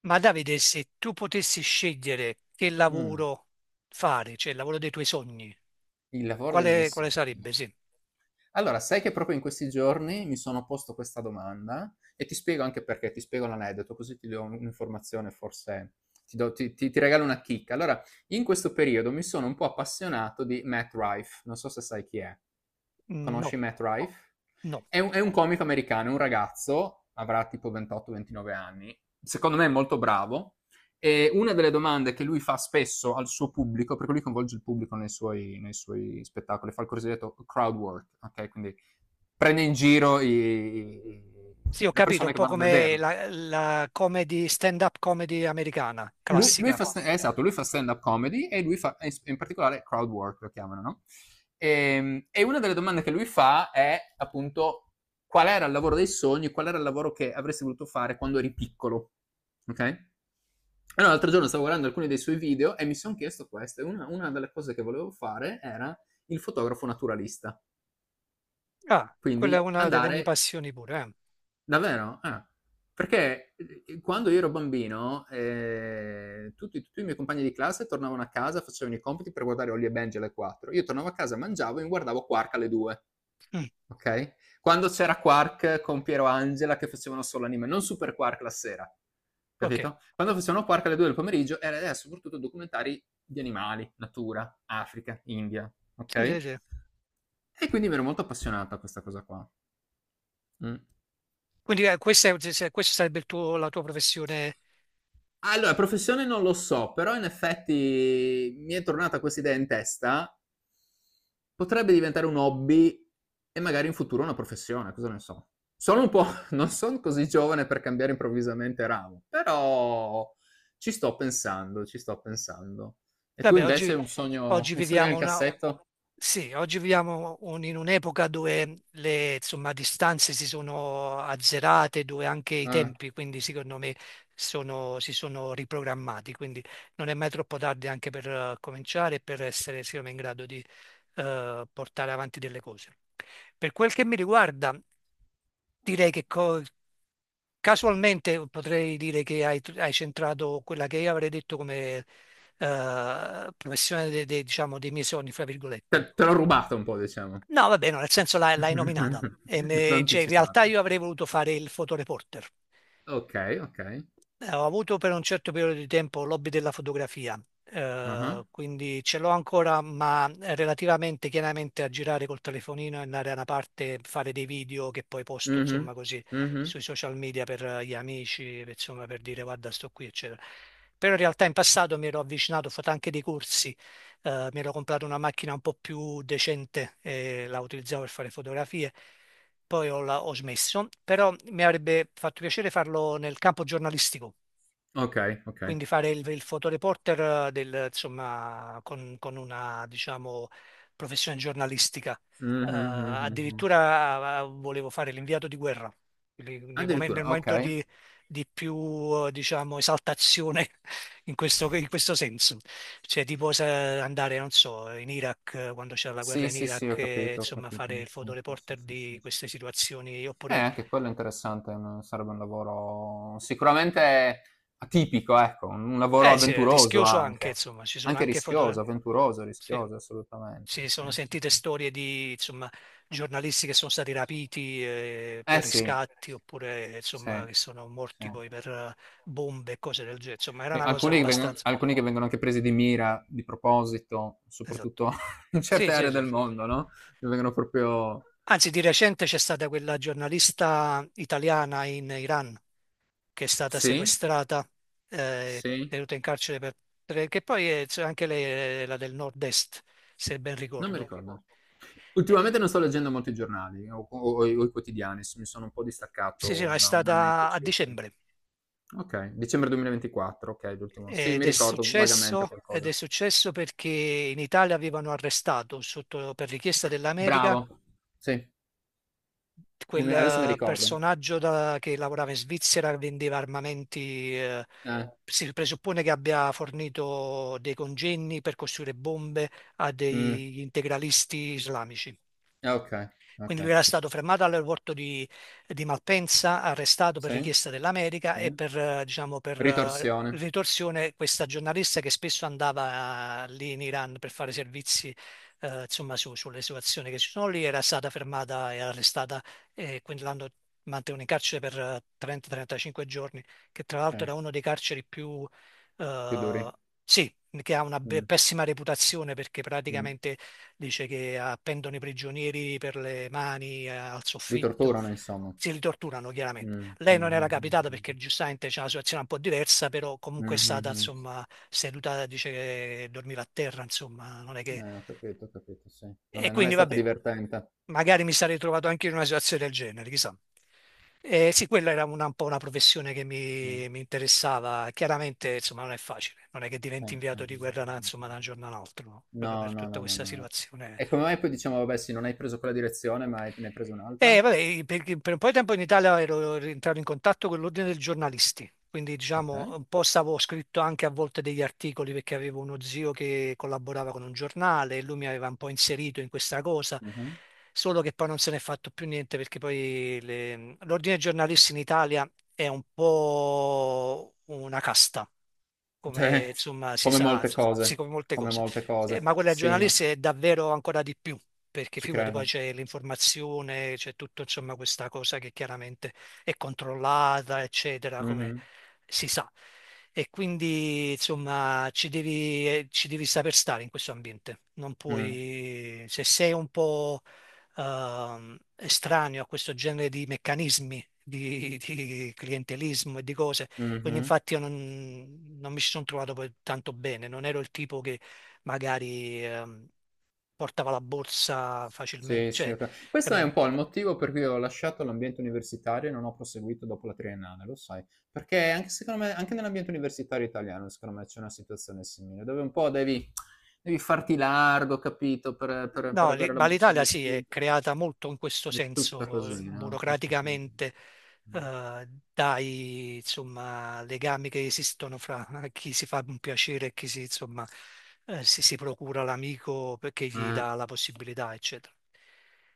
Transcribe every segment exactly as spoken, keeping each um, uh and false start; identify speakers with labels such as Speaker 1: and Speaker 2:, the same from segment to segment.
Speaker 1: Ma Davide, se tu potessi scegliere che
Speaker 2: Mh,
Speaker 1: lavoro fare, cioè il lavoro dei tuoi sogni,
Speaker 2: il lavoro dei miei
Speaker 1: quale, quale
Speaker 2: sogni.
Speaker 1: sarebbe? Sì.
Speaker 2: Allora, sai che proprio in questi giorni mi sono posto questa domanda e ti spiego anche perché, ti spiego l'aneddoto, così ti do un'informazione, forse ti do ti ti ti regalo una chicca. Allora, in questo periodo mi sono un po' appassionato di Matt Rife, non so se sai chi è.
Speaker 1: Mm, No,
Speaker 2: Conosci Matt, no, Rife?
Speaker 1: no.
Speaker 2: È un è un comico americano, è un ragazzo, avrà tipo ventotto, ventinove anni, secondo me è molto bravo. E una delle domande che lui fa spesso al suo pubblico, perché lui coinvolge il pubblico nei suoi, nei suoi spettacoli, fa il cosiddetto crowd work, ok? Quindi prende in giro i-
Speaker 1: Sì, ho
Speaker 2: le
Speaker 1: capito, un
Speaker 2: persone che
Speaker 1: po'
Speaker 2: vanno a
Speaker 1: come
Speaker 2: vederlo.
Speaker 1: la, la comedy, stand-up comedy americana,
Speaker 2: Lui, lui
Speaker 1: classica.
Speaker 2: fa, sta- eh, esatto, lui fa stand-up comedy e lui fa, e in particolare crowd work lo chiamano, no? E, e una delle domande che lui fa è appunto qual era il lavoro dei sogni, qual era il lavoro che avresti voluto fare quando eri piccolo, ok? Allora, l'altro giorno stavo guardando alcuni dei suoi video e mi sono chiesto questo, e Una, una delle cose che volevo fare era il fotografo naturalista.
Speaker 1: Ah, quella
Speaker 2: Quindi
Speaker 1: è una delle mie
Speaker 2: andare
Speaker 1: passioni pure.
Speaker 2: davvero. Ah. Perché eh, quando io ero bambino, eh, tutti, tutti i miei compagni di classe tornavano a casa, facevano i compiti per guardare Holly e Benji alle quattro. Io tornavo a casa, mangiavo e mi guardavo Quark alle due.
Speaker 1: Eh. Mm,
Speaker 2: Okay? Quando c'era Quark con Piero Angela che facevano solo anime, non Super Quark la sera,
Speaker 1: ok,
Speaker 2: capito? Quando facevano Quark alle due del pomeriggio era era soprattutto documentari di animali, natura, Africa, India, ok?
Speaker 1: sì, sì,
Speaker 2: E
Speaker 1: sì.
Speaker 2: quindi mi ero molto appassionato a questa cosa qua. Mm.
Speaker 1: Quindi eh, questa, è- se- questo sarebbe il tuo- la tua professione?
Speaker 2: Allora, professione non lo so, però in effetti mi è tornata questa idea in testa. Potrebbe diventare un hobby e magari in futuro una professione, cosa ne so. Sono un po', non sono così giovane per cambiare improvvisamente ramo, però ci sto pensando, ci sto pensando. E tu
Speaker 1: Vabbè, oggi,
Speaker 2: invece un sogno,
Speaker 1: oggi
Speaker 2: un sogno
Speaker 1: viviamo
Speaker 2: nel
Speaker 1: una...
Speaker 2: cassetto?
Speaker 1: Sì, oggi viviamo un- in un'epoca dove le, insomma, distanze si sono azzerate, dove anche i
Speaker 2: Ah,
Speaker 1: tempi, quindi secondo me, sono- si sono riprogrammati. Quindi non è mai troppo tardi anche per eh, cominciare e per essere, secondo me, in grado di eh, portare avanti delle cose. Per quel che mi riguarda, direi che, Casualmente potrei dire che hai, hai centrato quella che io avrei detto come eh, professione de- de- diciamo, dei miei sogni, fra
Speaker 2: te,
Speaker 1: virgolette.
Speaker 2: te l'ho rubato un po', diciamo.
Speaker 1: No, va bene, nel senso l'hai l'hai nominata. E
Speaker 2: L'ho
Speaker 1: me- cioè, in realtà
Speaker 2: anticipato.
Speaker 1: io avrei voluto fare il fotoreporter.
Speaker 2: Ok, ok.
Speaker 1: Eh, ho avuto per un certo periodo di tempo l'hobby della fotografia,
Speaker 2: Ah,
Speaker 1: eh, quindi ce l'ho ancora, ma relativamente chiaramente a girare col telefonino e andare da una parte, fare dei video che poi posto,
Speaker 2: mhm,
Speaker 1: insomma, così
Speaker 2: mhm.
Speaker 1: sui social media per eh, gli amici, per- insomma, per dire guarda, sto qui, eccetera. Però in realtà in passato mi ero avvicinato, ho fatto anche dei corsi, eh, mi ero comprato una macchina un po' più decente e la utilizzavo per fare fotografie, poi ho, la- ho smesso, però mi avrebbe fatto piacere farlo nel campo giornalistico.
Speaker 2: Okay, okay.
Speaker 1: Quindi fare il, il fotoreporter del, insomma, con, con una, diciamo, professione giornalistica. Eh,
Speaker 2: Mh-mh, mh, mh, mh.
Speaker 1: addirittura eh, volevo fare l'inviato di guerra. Quindi Nel momen-
Speaker 2: Addirittura,
Speaker 1: nel momento
Speaker 2: okay.
Speaker 1: di di più, eh, diciamo, esaltazione in questo, in questo senso. Cioè, tipo se andare, non so, in Iraq, eh, quando c'era la guerra
Speaker 2: Sì,
Speaker 1: in
Speaker 2: sì, sì,
Speaker 1: Iraq,
Speaker 2: ho
Speaker 1: e,
Speaker 2: capito, ho
Speaker 1: insomma,
Speaker 2: capito.
Speaker 1: fare il
Speaker 2: Sì, sì,
Speaker 1: fotoreporter
Speaker 2: sì,
Speaker 1: di
Speaker 2: sì, sì,
Speaker 1: queste
Speaker 2: sì.
Speaker 1: situazioni,
Speaker 2: Eh,
Speaker 1: oppure...
Speaker 2: anche quello è interessante, un sarebbe un lavoro sicuramente atipico, ecco, un lavoro
Speaker 1: Eh, sì, è
Speaker 2: avventuroso
Speaker 1: rischioso anche,
Speaker 2: anche.
Speaker 1: insomma, ci sono
Speaker 2: Anche
Speaker 1: anche
Speaker 2: rischioso,
Speaker 1: foto...
Speaker 2: avventuroso,
Speaker 1: Sì.
Speaker 2: rischioso, assolutamente.
Speaker 1: Si
Speaker 2: Sì,
Speaker 1: sono
Speaker 2: sì,
Speaker 1: sentite
Speaker 2: sì.
Speaker 1: storie di, insomma, giornalisti che sono stati rapiti eh, per
Speaker 2: Eh sì,
Speaker 1: riscatti oppure,
Speaker 2: sì,
Speaker 1: insomma, che sono
Speaker 2: sì.
Speaker 1: morti poi per eh, bombe e cose del genere. Insomma, era
Speaker 2: E
Speaker 1: una cosa
Speaker 2: alcuni che vengono,
Speaker 1: abbastanza...
Speaker 2: alcuni che vengono anche presi di mira, di proposito,
Speaker 1: Esatto.
Speaker 2: soprattutto in
Speaker 1: Sì,
Speaker 2: certe
Speaker 1: sì,
Speaker 2: aree
Speaker 1: sì.
Speaker 2: del mondo, no? Che vengono proprio.
Speaker 1: Anzi, di recente c'è stata quella giornalista italiana in Iran che è stata
Speaker 2: Sì,
Speaker 1: sequestrata, eh,
Speaker 2: sì,
Speaker 1: tenuta in carcere per... per- che poi è, cioè, anche lei era del nord-est, se ben
Speaker 2: non mi
Speaker 1: ricordo.
Speaker 2: ricordo.
Speaker 1: Eh,
Speaker 2: Ultimamente non sto leggendo molti giornali o, o- o i o i quotidiani, s- mi sono un po'
Speaker 1: sì, sì, no,
Speaker 2: distaccato
Speaker 1: è
Speaker 2: da un annetto
Speaker 1: stata a
Speaker 2: circa.
Speaker 1: dicembre.
Speaker 2: Ok, dicembre duemilaventiquattro, ok, l'ultimo. Sì,
Speaker 1: Ed
Speaker 2: mi
Speaker 1: è
Speaker 2: ricordo vagamente
Speaker 1: successo, ed è
Speaker 2: qualcosa.
Speaker 1: successo perché in Italia avevano arrestato sotto, per richiesta dell'America
Speaker 2: Bravo. Sì, un-
Speaker 1: quel
Speaker 2: adesso mi
Speaker 1: eh,
Speaker 2: ricordo.
Speaker 1: personaggio da- che lavorava in Svizzera, vendeva armamenti, eh,
Speaker 2: Eh,
Speaker 1: si presuppone che abbia fornito dei congegni per costruire bombe a
Speaker 2: mm,
Speaker 1: degli integralisti islamici.
Speaker 2: eh, ok, ok.
Speaker 1: Quindi lui era stato fermato all'aeroporto di di Malpensa, arrestato per
Speaker 2: Sì,
Speaker 1: richiesta dell'America
Speaker 2: sì.
Speaker 1: e per, eh, diciamo, per eh,
Speaker 2: Ritorsione.
Speaker 1: ritorsione questa giornalista che spesso andava eh, lì in Iran per fare servizi, eh, insomma, su- sulle situazioni che ci sono lì, era stata fermata e arrestata, e quindi l'hanno mantenuta in carcere per eh, trenta trentacinque giorni, che tra
Speaker 2: Sì,
Speaker 1: l'altro era uno dei carceri più...
Speaker 2: più
Speaker 1: eh,
Speaker 2: duri.
Speaker 1: sì, che ha una be-
Speaker 2: Mm,
Speaker 1: pessima reputazione perché
Speaker 2: mm.
Speaker 1: praticamente dice che appendono i prigionieri per le mani eh, al
Speaker 2: Li
Speaker 1: soffitto,
Speaker 2: torturano, insomma.
Speaker 1: si li torturano chiaramente.
Speaker 2: Mm, mm,
Speaker 1: Lei non era
Speaker 2: mm,
Speaker 1: capitata perché
Speaker 2: mm,
Speaker 1: giustamente c'è una situazione un po' diversa, però comunque
Speaker 2: mm,
Speaker 1: è
Speaker 2: mm,
Speaker 1: stata
Speaker 2: mm. Mm.
Speaker 1: insomma seduta, dice che dormiva a terra, insomma, non è che...
Speaker 2: Eh, ho capito, ho capito, sì. Non
Speaker 1: E
Speaker 2: è, non è
Speaker 1: quindi
Speaker 2: stata
Speaker 1: vabbè,
Speaker 2: divertente.
Speaker 1: magari mi sarei trovato anche in una situazione del genere, chissà. Eh, sì, quella era una- un po' una professione che
Speaker 2: Mm,
Speaker 1: mi, mi interessava. Chiaramente, insomma, non è facile. Non è che
Speaker 2: eh,
Speaker 1: diventi
Speaker 2: eh. Mm,
Speaker 1: inviato di guerra da,
Speaker 2: mm,
Speaker 1: insomma, da un
Speaker 2: mm.
Speaker 1: giorno all'altro, no? Proprio
Speaker 2: No,
Speaker 1: per
Speaker 2: no,
Speaker 1: tutta
Speaker 2: no, no,
Speaker 1: questa
Speaker 2: no, no.
Speaker 1: situazione.
Speaker 2: E come mai poi diciamo, vabbè, sì, non hai preso quella direzione, ma hai, ne hai preso
Speaker 1: Eh,
Speaker 2: un'altra?
Speaker 1: vabbè, perché per un po' di tempo in Italia ero rientrato in contatto con l'ordine dei giornalisti, quindi
Speaker 2: Ok.
Speaker 1: diciamo un po' stavo scritto anche a volte degli articoli perché avevo uno zio che collaborava con un giornale e lui mi aveva un po' inserito in questa cosa,
Speaker 2: Mhm.
Speaker 1: solo che poi non se n'è fatto più niente perché poi le- l'ordine dei giornalisti in Italia è un po' una casta, come
Speaker 2: Cioè,
Speaker 1: insomma si
Speaker 2: come
Speaker 1: sa,
Speaker 2: molte
Speaker 1: insomma, sì,
Speaker 2: cose,
Speaker 1: come molte
Speaker 2: come
Speaker 1: cose.
Speaker 2: molte
Speaker 1: Eh, ma
Speaker 2: cose.
Speaker 1: quella dei
Speaker 2: Sì, ma
Speaker 1: giornalisti è davvero ancora di più, perché
Speaker 2: ci
Speaker 1: figurati, poi
Speaker 2: credo.
Speaker 1: c'è l'informazione, c'è tutto insomma questa cosa che chiaramente è controllata, eccetera, come
Speaker 2: Mhm,
Speaker 1: si sa. E quindi insomma ci devi, eh, ci devi saper stare in questo ambiente. Non
Speaker 2: mm,
Speaker 1: puoi, se sei un po' ehm, estraneo a questo genere di meccanismi di, di clientelismo e di cose, quindi
Speaker 2: mhm.
Speaker 1: infatti io non, non mi ci sono trovato poi tanto bene, non ero il tipo che magari ehm, portava la borsa facilmente,
Speaker 2: Sì, sì,
Speaker 1: cioè,
Speaker 2: ok. Questo è
Speaker 1: capito?
Speaker 2: un po' il motivo per cui ho lasciato l'ambiente universitario e non ho proseguito dopo la triennale, lo sai. Perché anche, secondo me, anche nell'ambiente universitario italiano, secondo me, c'è una situazione simile, dove un po' devi, devi, farti largo, capito, per, per- per
Speaker 1: No, lì-
Speaker 2: avere la
Speaker 1: ma
Speaker 2: buccia
Speaker 1: l'Italia
Speaker 2: di
Speaker 1: sì,
Speaker 2: studio.
Speaker 1: è creata molto in questo
Speaker 2: È tutta
Speaker 1: senso, eh,
Speaker 2: così, no? Tutta così.
Speaker 1: burocraticamente,
Speaker 2: Mm.
Speaker 1: eh, dai, insomma, legami che esistono fra chi si fa un piacere e chi si, insomma, eh, si, si procura l'amico perché gli
Speaker 2: Eh,
Speaker 1: dà la possibilità, eccetera.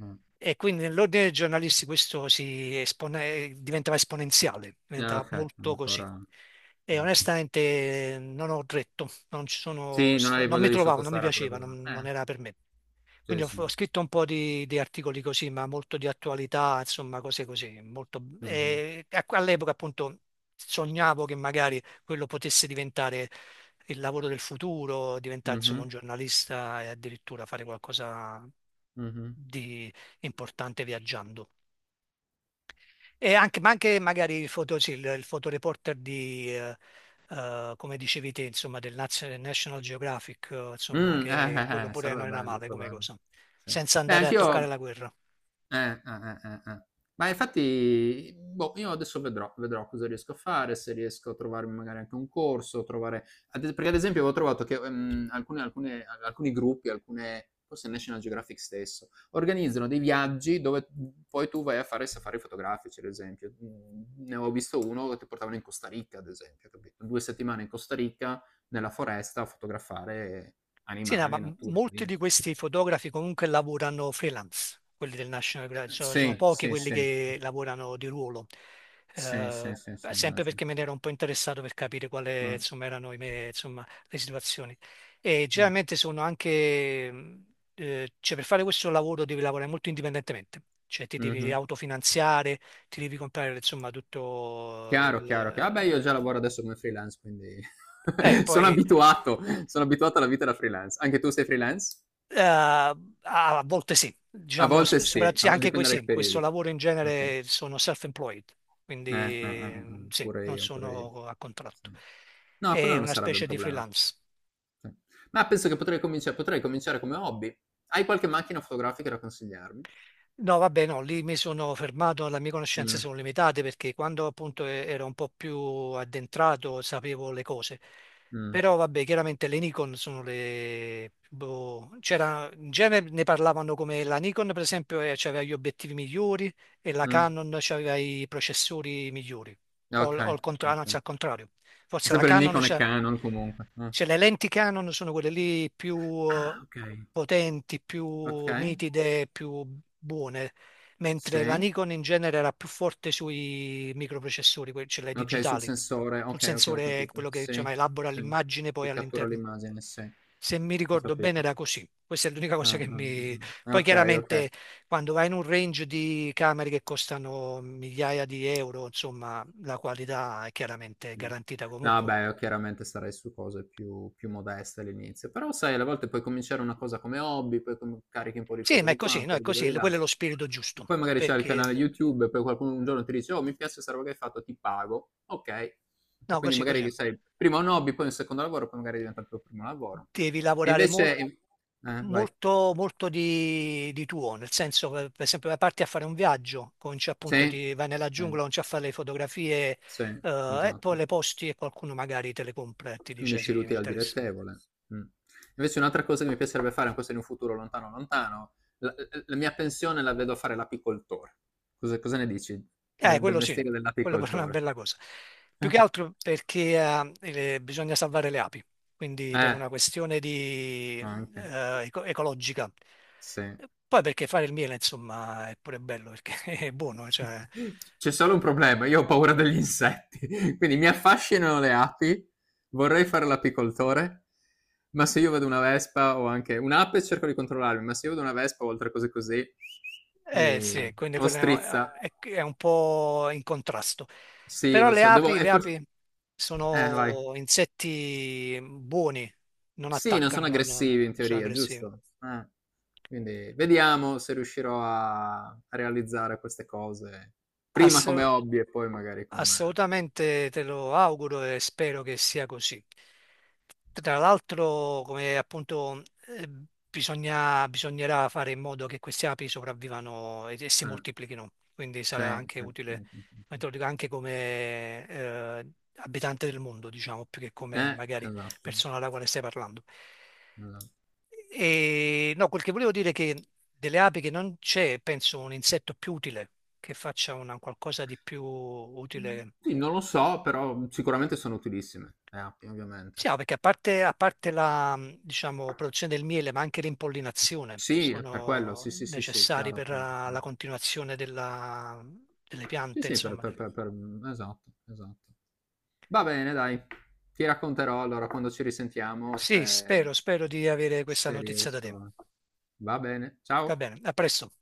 Speaker 2: eh.
Speaker 1: E quindi nell'ordine dei giornalisti questo si espone- diventava esponenziale,
Speaker 2: Eh,
Speaker 1: diventava
Speaker 2: ok,
Speaker 1: molto così.
Speaker 2: ancora.
Speaker 1: E
Speaker 2: Ok.
Speaker 1: onestamente eh, non ho retto, non ci sono
Speaker 2: Sì, non
Speaker 1: sta-
Speaker 2: avevi
Speaker 1: non
Speaker 2: voglia
Speaker 1: mi
Speaker 2: di
Speaker 1: trovavo, non mi
Speaker 2: sottostare a quella
Speaker 1: piaceva,
Speaker 2: cosa
Speaker 1: non non
Speaker 2: là.
Speaker 1: era per me.
Speaker 2: Eh,
Speaker 1: Quindi ho,
Speaker 2: sì, sì.
Speaker 1: ho scritto un po' di, di articoli così, ma molto di attualità, insomma, cose così. molto-
Speaker 2: Mh-mh.
Speaker 1: e a- all'epoca appunto sognavo che magari quello potesse diventare il lavoro del futuro, diventare insomma un
Speaker 2: Mh-mh.
Speaker 1: giornalista e addirittura fare qualcosa
Speaker 2: Mh-mh.
Speaker 1: di importante viaggiando. E anche, ma anche magari il, foto, sì, il, il fotoreporter di, eh, eh, come dicevi te, insomma, del Naz- National Geographic, eh, insomma,
Speaker 2: Mh, eh,
Speaker 1: che quello
Speaker 2: eh, eh,
Speaker 1: pure
Speaker 2: sarebbe
Speaker 1: non era
Speaker 2: bello,
Speaker 1: male
Speaker 2: sarebbe
Speaker 1: come
Speaker 2: bello.
Speaker 1: cosa,
Speaker 2: Sì.
Speaker 1: senza
Speaker 2: Beh,
Speaker 1: andare a toccare
Speaker 2: anch'io
Speaker 1: la guerra.
Speaker 2: eh, eh, eh, eh, eh. Ma infatti, boh, io adesso vedrò, vedrò cosa riesco a fare, se riesco a trovarmi magari anche un corso, trovare ad es perché ad esempio avevo trovato che, ehm, alcune alcune al alcuni gruppi, alcune forse National Geographic stesso, organizzano dei viaggi dove, mhmm, poi tu vai a fare safari fotografici, ad esempio. Mhmm, ne avevo visto uno che ti portavano in Costa Rica, ad esempio, capito? due settimane in Costa Rica, nella foresta, a fotografare
Speaker 1: Sì, no, ma
Speaker 2: animali,
Speaker 1: m-
Speaker 2: natura,
Speaker 1: molti
Speaker 2: sì.
Speaker 1: di questi fotografi comunque lavorano freelance, quelli del National
Speaker 2: Eh,
Speaker 1: Geographic, sono, sono
Speaker 2: sì,
Speaker 1: pochi
Speaker 2: sì,
Speaker 1: quelli
Speaker 2: sì.
Speaker 1: che lavorano di ruolo.
Speaker 2: Sì, sì,
Speaker 1: Eh,
Speaker 2: sì, sì,
Speaker 1: Sempre
Speaker 2: immagino.
Speaker 1: perché me ne ero un po' interessato per capire quali
Speaker 2: Mh,
Speaker 1: insomma, erano i me- insomma, le situazioni. E
Speaker 2: mh,
Speaker 1: generalmente sono anche, mh, eh, cioè per fare questo lavoro devi lavorare molto indipendentemente, cioè ti devi
Speaker 2: mh-mh.
Speaker 1: autofinanziare, ti devi comprare insomma tutto
Speaker 2: Chiaro, chiaro, chia vabbè, io già lavoro
Speaker 1: il...
Speaker 2: adesso come freelance, quindi
Speaker 1: eh,
Speaker 2: sono
Speaker 1: poi
Speaker 2: abituato, sono abituato alla vita da freelance. Anche tu sei freelance?
Speaker 1: Eh, A volte sì,
Speaker 2: A
Speaker 1: diciamo,
Speaker 2: volte
Speaker 1: sp-
Speaker 2: sì,
Speaker 1: soprattutto
Speaker 2: a vo
Speaker 1: anche que-
Speaker 2: dipende dai
Speaker 1: sì, questo
Speaker 2: periodi.
Speaker 1: lavoro in
Speaker 2: Okay.
Speaker 1: genere sono self-employed,
Speaker 2: Eh, eh, eh,
Speaker 1: quindi
Speaker 2: eh,
Speaker 1: sì,
Speaker 2: pure
Speaker 1: non
Speaker 2: io, pure io.
Speaker 1: sono a
Speaker 2: Sì.
Speaker 1: contratto.
Speaker 2: No, quello
Speaker 1: È
Speaker 2: non
Speaker 1: una
Speaker 2: sarebbe un
Speaker 1: specie di
Speaker 2: problema.
Speaker 1: freelance.
Speaker 2: Sì. Ma penso che potrei comincia potrei cominciare come hobby. Hai qualche macchina fotografica da consigliarmi?
Speaker 1: No, vabbè, no, lì mi sono fermato, le mie conoscenze
Speaker 2: Mh.
Speaker 1: sono limitate perché quando appunto e- ero un po' più addentrato sapevo le cose.
Speaker 2: Mh,
Speaker 1: Però vabbè, chiaramente le Nikon sono le... boh, c'era, in genere ne parlavano come la Nikon per esempio eh, c'aveva gli obiettivi migliori e la
Speaker 2: mh,
Speaker 1: Canon c'aveva i processori migliori. O, o
Speaker 2: okay,
Speaker 1: il contra- anzi,
Speaker 2: okay.
Speaker 1: al contrario, forse la
Speaker 2: Sempre
Speaker 1: Canon
Speaker 2: Nikon e
Speaker 1: c'ha-
Speaker 2: Canon comunque. Mh.
Speaker 1: cioè, le lenti Canon sono quelle lì più eh,
Speaker 2: Ah, okay,
Speaker 1: potenti, più
Speaker 2: okay,
Speaker 1: nitide, più buone, mentre la
Speaker 2: sì.
Speaker 1: Nikon in genere era più forte sui microprocessori, que- cioè le
Speaker 2: Okay, sul
Speaker 1: digitali,
Speaker 2: sensore.
Speaker 1: sul
Speaker 2: Okay, okay, ho
Speaker 1: sensore,
Speaker 2: capito.
Speaker 1: quello che
Speaker 2: Sì,
Speaker 1: insomma elabora
Speaker 2: sì,
Speaker 1: l'immagine poi
Speaker 2: che cattura
Speaker 1: all'interno.
Speaker 2: l'immagine, sì.
Speaker 1: Se mi
Speaker 2: Ho
Speaker 1: ricordo bene
Speaker 2: capito.
Speaker 1: era così. Questa è l'unica cosa
Speaker 2: Ah,
Speaker 1: che
Speaker 2: ah,
Speaker 1: mi...
Speaker 2: ah, ah.
Speaker 1: Poi
Speaker 2: Okay, okay.
Speaker 1: chiaramente quando vai in un range di camere che costano migliaia di euro, insomma, la qualità è chiaramente
Speaker 2: Mh.
Speaker 1: garantita
Speaker 2: No,
Speaker 1: comunque.
Speaker 2: beh, io chiaramente sarei su cose più più modeste all'inizio, però sai alle volte puoi cominciare una cosa come hobby, poi com carichi un po' di
Speaker 1: Sì,
Speaker 2: foto
Speaker 1: ma è
Speaker 2: di qua,
Speaker 1: così,
Speaker 2: un
Speaker 1: no,
Speaker 2: po'
Speaker 1: è
Speaker 2: di video
Speaker 1: così,
Speaker 2: di là,
Speaker 1: quello è lo spirito
Speaker 2: e
Speaker 1: giusto,
Speaker 2: poi magari c'hai il canale
Speaker 1: perché
Speaker 2: YouTube e poi qualcuno un giorno ti dice: "Oh, mi piace 'sta roba che hai fatto, ti pago". Okay. E
Speaker 1: no,
Speaker 2: quindi
Speaker 1: così,
Speaker 2: magari
Speaker 1: così,
Speaker 2: che sai, prima un hobby, poi un secondo lavoro, poi magari diventa il tuo primo lavoro.
Speaker 1: devi
Speaker 2: E
Speaker 1: lavorare mol-
Speaker 2: invece eh, vai.
Speaker 1: molto, molto di, di tuo, nel senso, per per esempio, parti a fare un viaggio, cominci appunto,
Speaker 2: Sì,
Speaker 1: ti vai nella giungla,
Speaker 2: sì,
Speaker 1: cominci a fare le fotografie,
Speaker 2: sì,
Speaker 1: eh, e
Speaker 2: esatto.
Speaker 1: poi le posti e qualcuno magari te le compra e ti dice
Speaker 2: Unisci
Speaker 1: sì, mi
Speaker 2: l'utile al
Speaker 1: interessa.
Speaker 2: dilettevole. Mh. Invece un'altra cosa che mi piacerebbe fare, ma questo in un futuro lontano, lontano, la l la mia pensione la vedo a fare l'apicoltore. Cosa cosa ne dici
Speaker 1: Eh,
Speaker 2: del del
Speaker 1: quello sì,
Speaker 2: mestiere
Speaker 1: quello pure è una
Speaker 2: dell'apicoltore?
Speaker 1: bella cosa. Più che altro perché eh, eh, bisogna salvare le api, quindi per
Speaker 2: Eh,
Speaker 1: una questione di,
Speaker 2: anche.
Speaker 1: eh, eco- ecologica.
Speaker 2: Sì.
Speaker 1: Poi perché fare il miele, insomma, è pure bello perché è buono, cioè,
Speaker 2: C'è solo un problema, io ho paura degli insetti, quindi mi affascinano le api, vorrei fare l'apicoltore, ma se io vedo una vespa o anche un'ape cerco di controllarmi, ma se io vedo una vespa o altre cose così,
Speaker 1: eh sì,
Speaker 2: mi
Speaker 1: quindi
Speaker 2: o
Speaker 1: quello è,
Speaker 2: strizza.
Speaker 1: è è un po' in contrasto.
Speaker 2: Sì,
Speaker 1: Però
Speaker 2: lo
Speaker 1: le
Speaker 2: so, devo,
Speaker 1: api,
Speaker 2: e
Speaker 1: le
Speaker 2: forse.
Speaker 1: api
Speaker 2: Eh, vai.
Speaker 1: sono insetti buoni, non
Speaker 2: Sì, non
Speaker 1: attaccano,
Speaker 2: sono
Speaker 1: non non
Speaker 2: aggressivi in
Speaker 1: sono
Speaker 2: teoria,
Speaker 1: aggressivi.
Speaker 2: giusto? Eh. Quindi vediamo se riuscirò a, a realizzare queste cose, prima come hobby e poi magari come.
Speaker 1: Assolutamente te lo auguro e spero che sia così. Tra l'altro, come appunto, eh, bisogna- bisognerà fare in modo che queste api sopravvivano e, e si
Speaker 2: eh.
Speaker 1: moltiplichino, quindi sarà
Speaker 2: Cioè,
Speaker 1: anche utile, ma te lo dico anche come eh, abitante del mondo, diciamo, più che come
Speaker 2: eh,
Speaker 1: magari
Speaker 2: esatto,
Speaker 1: persona alla quale stai parlando.
Speaker 2: esatto.
Speaker 1: E no, quel che volevo dire è che delle api che non c'è, penso, un insetto più utile che faccia una, qualcosa di più utile.
Speaker 2: Sì, non lo so, però mhmm, sicuramente sono utilissime le app,
Speaker 1: Sì,
Speaker 2: ovviamente.
Speaker 1: no, perché a parte, a parte la, mh, diciamo, produzione del miele, ma anche l'impollinazione
Speaker 2: Sì, è per quello,
Speaker 1: sono
Speaker 2: sì, sì, sì, sì,
Speaker 1: necessari
Speaker 2: chiaro,
Speaker 1: per
Speaker 2: chiaro,
Speaker 1: eh, la
Speaker 2: chiaro.
Speaker 1: continuazione della- mhmm, delle
Speaker 2: Sì,
Speaker 1: piante,
Speaker 2: sì, per,
Speaker 1: insomma.
Speaker 2: per- per- per- mhmm, esatto, esatto. Va bene, dai, ti racconterò allora quando ci risentiamo
Speaker 1: Sì,
Speaker 2: se,
Speaker 1: spero, spero di avere questa
Speaker 2: se
Speaker 1: notizia da te.
Speaker 2: riesco. Va bene,
Speaker 1: Va
Speaker 2: ciao.
Speaker 1: bene, a presto.